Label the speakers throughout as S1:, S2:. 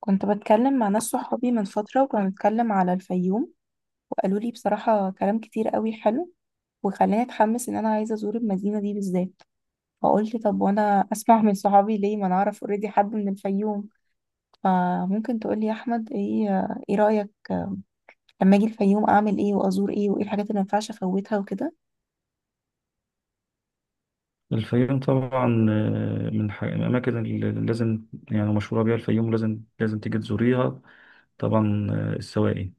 S1: كنت بتكلم مع ناس صحابي من فترة، وكنا بنتكلم على الفيوم. وقالوا لي بصراحة كلام كتير قوي حلو، وخلاني اتحمس ان انا عايزة ازور المدينة دي بالذات. فقلت طب وانا اسمع من صحابي ليه، ما انا اعرف اوريدي حد من الفيوم، فممكن تقولي يا احمد ايه. ايه رأيك لما اجي الفيوم؟ اعمل ايه، وازور ايه، وايه الحاجات اللي ما ينفعش افوتها وكده؟
S2: الفيوم طبعا من الأماكن اللي لازم يعني مشهورة بيها الفيوم لازم تيجي تزوريها طبعا السواقي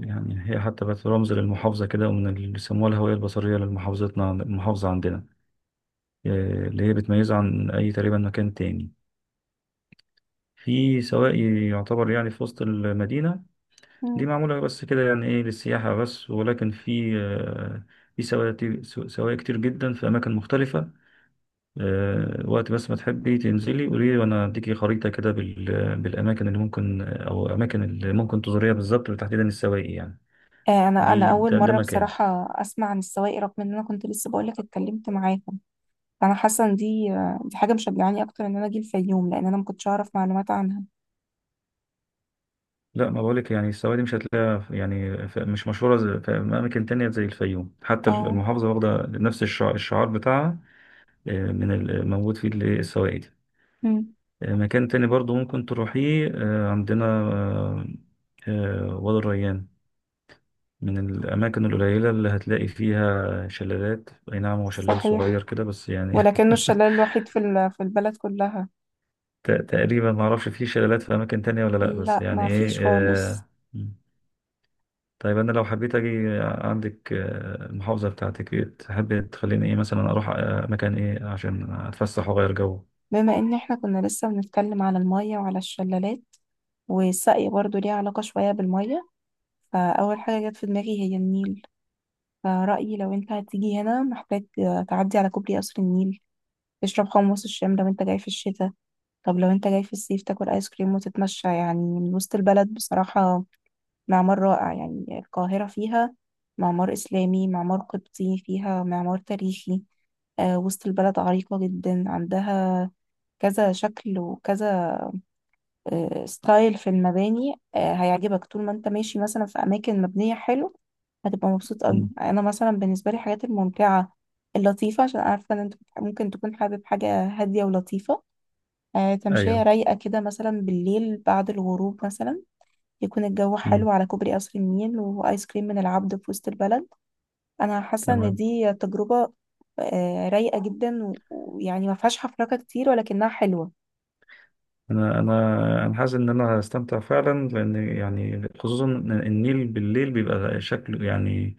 S2: يعني هي حتى بقت رمز للمحافظة كده ومن اللي بيسموها الهوية البصرية المحافظة عندنا، اللي هي بتميزها عن أي تقريبا مكان تاني في سواقي يعتبر يعني في وسط المدينة. دي
S1: مم.
S2: معمولة بس كده يعني إيه للسياحة بس، ولكن في في سواقي، سواقي كتير جدا في أماكن مختلفة. وقت بس ما تحبي تنزلي قولي لي وانا اديكي خريطة كده بالاماكن اللي ممكن او اماكن اللي ممكن تزوريها بالظبط، وتحديدا السواقي يعني.
S1: انا اول
S2: ده
S1: مره
S2: مكان.
S1: بصراحه اسمع عن السواقي، رغم ان انا كنت لسه بقولك اتكلمت معاكم. فانا حاسه ان دي حاجه مشجعاني اكتر ان انا اجي الفيوم، لان انا ما كنتش اعرف معلومات عنها.
S2: لا ما بقولك يعني السواقي دي مش هتلاقيها مش مشهورة في اماكن تانية زي الفيوم، حتى
S1: اه.
S2: المحافظة واخدة نفس الشعار بتاعها. من الموجود فيه السواقي دي.
S1: مم.
S2: مكان تاني برضو ممكن تروحيه، عندنا وادي الريان، من الأماكن القليلة اللي هتلاقي فيها شلالات. أي نعم هو شلال صغير
S1: صحيح،
S2: كده بس يعني
S1: ولكنه الشلال الوحيد في البلد كلها.
S2: تقريبا ما أعرفش فيه شلالات في أماكن تانية ولا لأ، بس
S1: لا،
S2: يعني
S1: ما
S2: إيه
S1: فيش خالص.
S2: آه. طيب أنا لو حبيت أجي عندك، المحافظة بتاعتك إيه تحب تخليني إيه مثلا أروح، مكان إيه عشان أتفسح وأغير جو؟
S1: بما ان احنا كنا لسه بنتكلم على المية وعلى الشلالات، والسقي برضو ليه علاقة شوية بالمية، فأول حاجة جت في دماغي هي النيل. فرأيي لو انت هتيجي هنا، محتاج تعدي على كوبري قصر النيل، تشرب حمص الشام لو انت جاي في الشتاء. طب لو انت جاي في الصيف، تاكل ايس كريم وتتمشى يعني من وسط البلد بصراحة. معمار رائع، يعني القاهرة فيها معمار إسلامي، معمار قبطي، فيها معمار تاريخي. وسط البلد عريقة جدا، عندها كذا شكل وكذا ستايل في المباني. هيعجبك طول ما انت ماشي مثلا في أماكن مبنية حلو، هتبقى مبسوط أوي.
S2: مم.
S1: أنا مثلا بالنسبة لي الحاجات الممتعة اللطيفة، عشان عارفة إن أنت ممكن تكون حابب حاجة هادية ولطيفة. تمشية
S2: أيوه.
S1: رايقة كده مثلا بالليل بعد الغروب مثلا، يكون الجو
S2: مم.
S1: حلو على كوبري قصر النيل، وآيس كريم من العبد في وسط البلد. أنا حاسة إن
S2: تمام.
S1: دي تجربة رايقة جدا، ويعني ما فيهاش حفركة كتير ولكنها حلوة.
S2: انا حاسس ان انا هستمتع فعلا، لان يعني خصوصا إن النيل بالليل بيبقى شكله يعني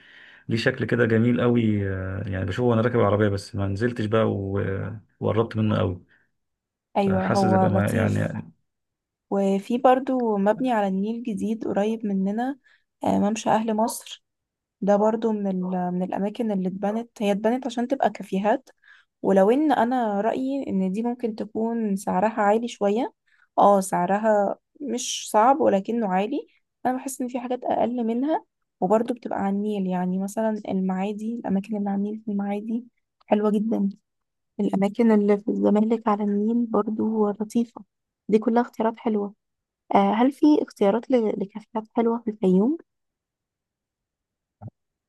S2: ليه شكل كده جميل قوي، يعني بشوفه وانا راكب العربيه بس ما نزلتش بقى وقربت منه قوي.
S1: أيوة،
S2: حاسس
S1: هو
S2: يبقى ما
S1: لطيف.
S2: يعني.
S1: وفي برضو مبني على النيل جديد قريب مننا، ممشى أهل مصر. ده برضو من الأماكن اللي اتبنت، هي اتبنت عشان تبقى كافيهات. ولو ان انا رأيي ان دي ممكن تكون سعرها عالي شوية. اه، سعرها مش صعب ولكنه عالي. انا بحس ان في حاجات اقل منها، وبرضه بتبقى على النيل، يعني مثلا المعادي، الاماكن اللي على النيل في المعادي حلوة جدا. الاماكن اللي في الزمالك على النيل برضه لطيفة. دي كلها اختيارات حلوة. هل في اختيارات لكافيهات حلوة في الفيوم؟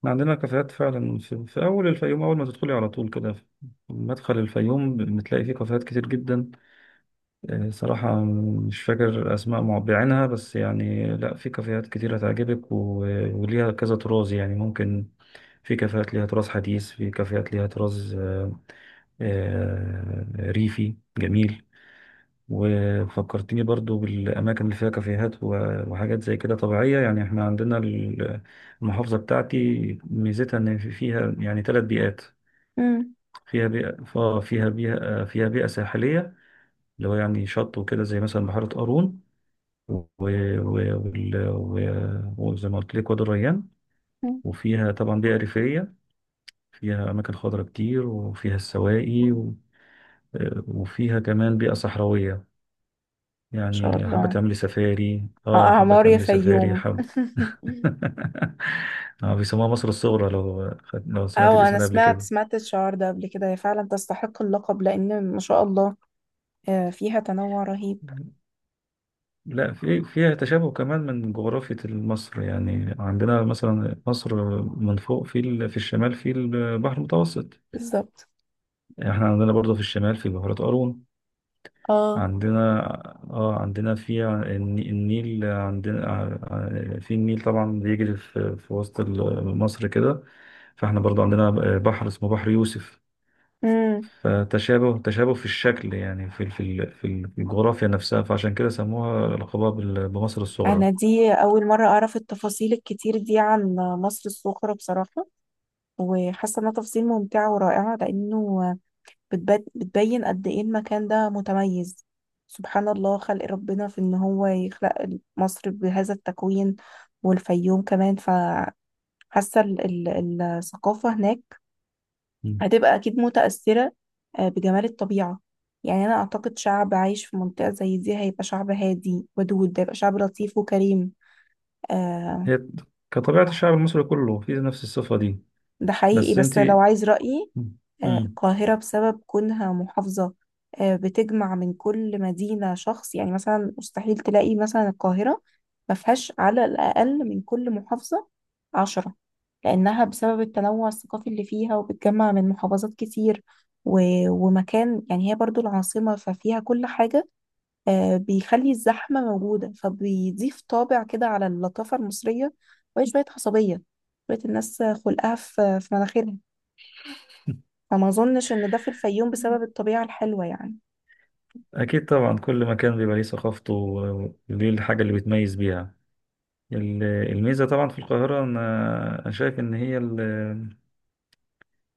S2: ما عندنا كافيهات فعلا في اول الفيوم، اول ما تدخلي على طول كده في مدخل الفيوم بتلاقي فيه كافيهات كتير جدا. صراحه مش فاكر اسماء بعينها، بس يعني لا في كافيهات كتير هتعجبك وليها كذا طراز يعني. ممكن في كافيهات ليها طراز حديث، في كافيهات ليها طراز آه، ريفي جميل. وفكرتني برضو بالأماكن اللي فيها كافيهات وحاجات زي كده طبيعية، يعني احنا عندنا المحافظة بتاعتي ميزتها إن فيها يعني ثلاث بيئات.
S1: مم.
S2: فيها فيها بيئة، فيها بيئة ساحلية، اللي هو يعني شط وكده، زي مثلا بحيرة قارون وزي ما قلت لك وادي الريان.
S1: مم.
S2: وفيها طبعا بيئة ريفية، فيها أماكن خضراء كتير وفيها السواقي. وفيها كمان بيئة صحراوية،
S1: ما شاء
S2: يعني حابة
S1: الله.
S2: تعملي سفاري، اه حابة
S1: اعمار يا
S2: تعملي سفاري
S1: فيوم.
S2: حب. آه بيسموها مصر الصغرى، لو لو سمعت
S1: اه،
S2: الاسم
S1: انا
S2: ده قبل
S1: سمعت
S2: كده.
S1: سمعت الشعار ده قبل كده. هي فعلا تستحق اللقب، لان ما شاء الله فيها تنوع رهيب.
S2: لا في فيها تشابه كمان من جغرافية مصر، يعني عندنا مثلا مصر من فوق في الشمال في البحر المتوسط،
S1: بالظبط.
S2: يعني احنا عندنا برضه في الشمال في بحيرة قارون.
S1: اه.
S2: عندنا، اه عندنا النيل، في النيل طبعا بيجري في وسط مصر كده، فاحنا برضو عندنا بحر اسمه بحر يوسف.
S1: امم.
S2: فتشابه، تشابه في الشكل، يعني في الجغرافيا نفسها، فعشان كده سموها لقبها بمصر الصغرى.
S1: انا دي اول مره اعرف التفاصيل الكتير دي عن مصر الصغرى بصراحه، وحاسه انها تفاصيل ممتعه ورائعه، لانه بتبين قد ايه المكان ده متميز. سبحان الله خلق ربنا في ان هو يخلق مصر بهذا التكوين، والفيوم كمان. فحاسه ال- الثقافه هناك
S2: مم.
S1: هتبقى أكيد متأثرة بجمال الطبيعة. يعني أنا أعتقد شعب عايش في منطقة زي دي هيبقى شعب هادي ودود، هيبقى شعب لطيف وكريم. آه،
S2: هي كطبيعة الشعب المصري كله في نفس الصفة دي.
S1: ده حقيقي،
S2: بس
S1: بس
S2: انت.
S1: لو عايز رأيي،
S2: مم. مم.
S1: القاهرة بسبب كونها محافظة، بتجمع من كل مدينة شخص. يعني مثلا مستحيل تلاقي مثلا القاهرة ما فيهاش على الأقل من كل محافظة 10، لأنها بسبب التنوع الثقافي اللي فيها، وبتجمع من محافظات كتير، و... ومكان، يعني هي برضو العاصمة ففيها كل حاجة. بيخلي الزحمة موجودة، فبيضيف طابع كده على اللطافة المصرية، وهي شوية عصبية، شوية الناس خلقها في مناخيرها. فما أظنش إن ده في الفيوم بسبب الطبيعة الحلوة يعني.
S2: أكيد طبعا، كل مكان بيبقى ليه ثقافته وليه الحاجة اللي بتميز بيها. الميزة طبعا في القاهرة، أنا أنا شايف إن هي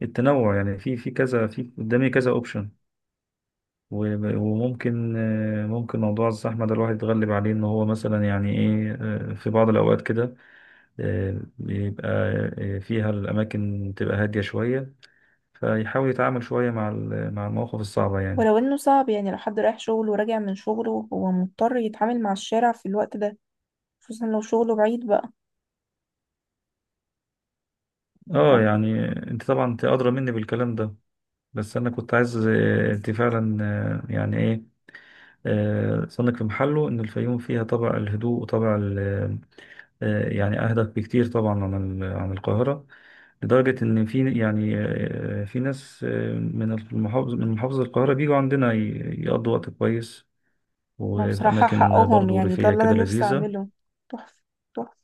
S2: التنوع، يعني في كذا، في قدامي كذا أوبشن. وممكن ممكن موضوع الزحمة ده الواحد يتغلب عليه، إن هو مثلا يعني إيه، في بعض الأوقات كده آه، بيبقى آه، فيها الأماكن تبقى هادية شوية، فيحاول يتعامل شوية مع المواقف الصعبة يعني.
S1: ولو إنه صعب، يعني لو حد رايح شغل وراجع من شغله هو مضطر يتعامل مع الشارع في الوقت ده، خصوصا لو شغله بعيد بقى.
S2: آه يعني أنت طبعا أنت أدرى مني بالكلام ده، بس أنا كنت عايز، أنت فعلا يعني إيه، صنك في محله إن الفيوم فيها طابع الهدوء وطابع يعني أهدى بكتير طبعا عن عن القاهرة. لدرجة إن في يعني، في ناس من المحافظة، من محافظة القاهرة بيجوا عندنا يقضوا وقت كويس،
S1: لا،
S2: وفي
S1: بصراحة
S2: أماكن
S1: حقهم،
S2: برضو
S1: يعني ده
S2: ريفية
S1: اللي أنا
S2: كده
S1: نفسي
S2: لذيذة.
S1: أعمله. تحفة، تحفة.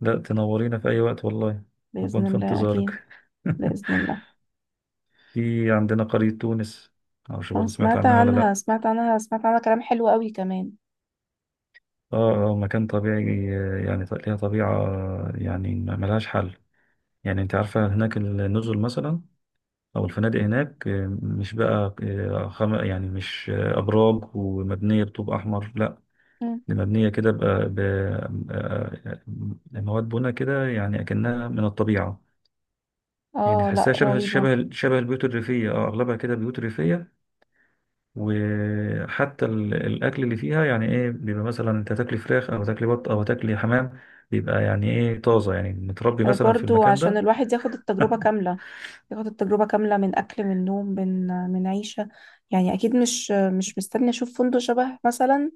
S2: لا تنورينا في أي وقت والله. أكون
S1: بإذن
S2: في
S1: الله أكيد.
S2: انتظارك.
S1: بإذن الله.
S2: في عندنا قرية تونس، معرفش
S1: أنا
S2: برضه سمعت
S1: سمعت
S2: عنها ولا لأ.
S1: عنها، سمعت عنها، سمعت عنها كلام حلو قوي كمان.
S2: اه اه مكان طبيعي، يعني ليها طبيعة يعني ملهاش حل. يعني انت عارفة هناك النزل مثلا او الفنادق هناك، مش بقى يعني مش ابراج ومبنية بطوب احمر لا،
S1: مم.
S2: دي مبنية كده بقى ب... آه، آه، مواد بنا كده يعني اكنها من الطبيعة. يعني
S1: آه،
S2: تحسها
S1: لا، رهيبة.
S2: شبه البيوت الريفية، اه اغلبها كده بيوت ريفية. وحتى الاكل اللي فيها يعني ايه بيبقى مثلا انت تاكلي فراخ او تاكلي بط او تاكلي حمام، بيبقى يعني ايه طازة يعني متربي مثلا في
S1: برضو
S2: المكان
S1: عشان
S2: ده.
S1: الواحد ياخد التجربة كاملة، ياخد التجربة كاملة من أكل، من نوم، من عيشة. يعني أكيد مش مستني أشوف فندق شبه مثلا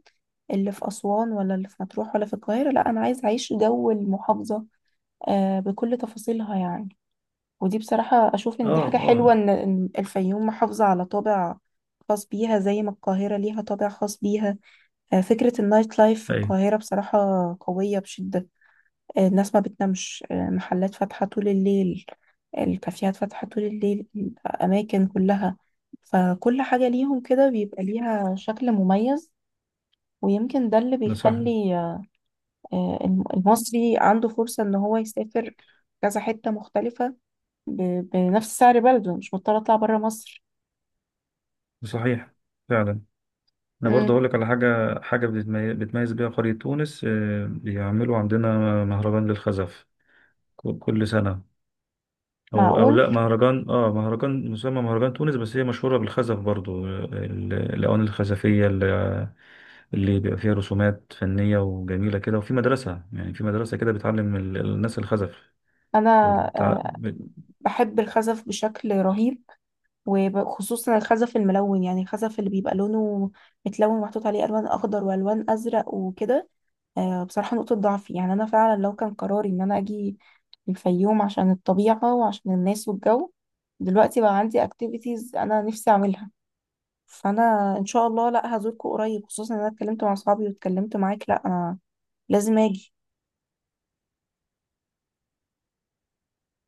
S1: اللي في أسوان، ولا اللي في مطروح، ولا في القاهرة. لا، أنا عايز أعيش جو المحافظة بكل تفاصيلها يعني. ودي بصراحة أشوف إن دي
S2: اه
S1: حاجة حلوة،
S2: اه.
S1: إن الفيوم محافظة على طابع خاص بيها، زي ما القاهرة ليها طابع خاص بيها. فكرة النايت لايف في
S2: ايوه.
S1: القاهرة بصراحة قوية بشدة. الناس ما بتنامش، محلات فاتحة طول الليل، الكافيهات فاتحة طول الليل، الأماكن كلها. فكل حاجة ليهم كده بيبقى ليها شكل مميز. ويمكن ده اللي
S2: نصح.
S1: بيخلي المصري عنده فرصة إن هو يسافر كذا حتة مختلفة بنفس سعر بلده، مش مضطرة أطلع برا مصر.
S2: صحيح، فعلا. انا برضه
S1: امم.
S2: اقول لك على حاجه، حاجه بتميز بيها قريه تونس. بيعملوا عندنا مهرجان للخزف كل سنه. او او
S1: معقول.
S2: لا مهرجان، اه مهرجان مسمى مهرجان تونس، بس هي مشهوره بالخزف برضه. الاواني الخزفيه اللي بيبقى فيها رسومات فنيه وجميله كده، وفي مدرسه، يعني في مدرسه كده بتعلم الناس الخزف.
S1: أنا آه، بحب الخزف بشكل رهيب، وخصوصا الخزف الملون، يعني الخزف اللي بيبقى لونه متلون ومحطوط عليه ألوان أخضر وألوان أزرق وكده. بصراحة نقطة ضعفي، يعني أنا فعلا لو كان قراري إن أنا أجي الفيوم عشان الطبيعة وعشان الناس والجو، دلوقتي بقى عندي اكتيفيتيز انا نفسي اعملها. فانا ان شاء الله، لا هزوركم قريب، خصوصا ان انا اتكلمت مع اصحابي واتكلمت معاك. لا، انا لازم اجي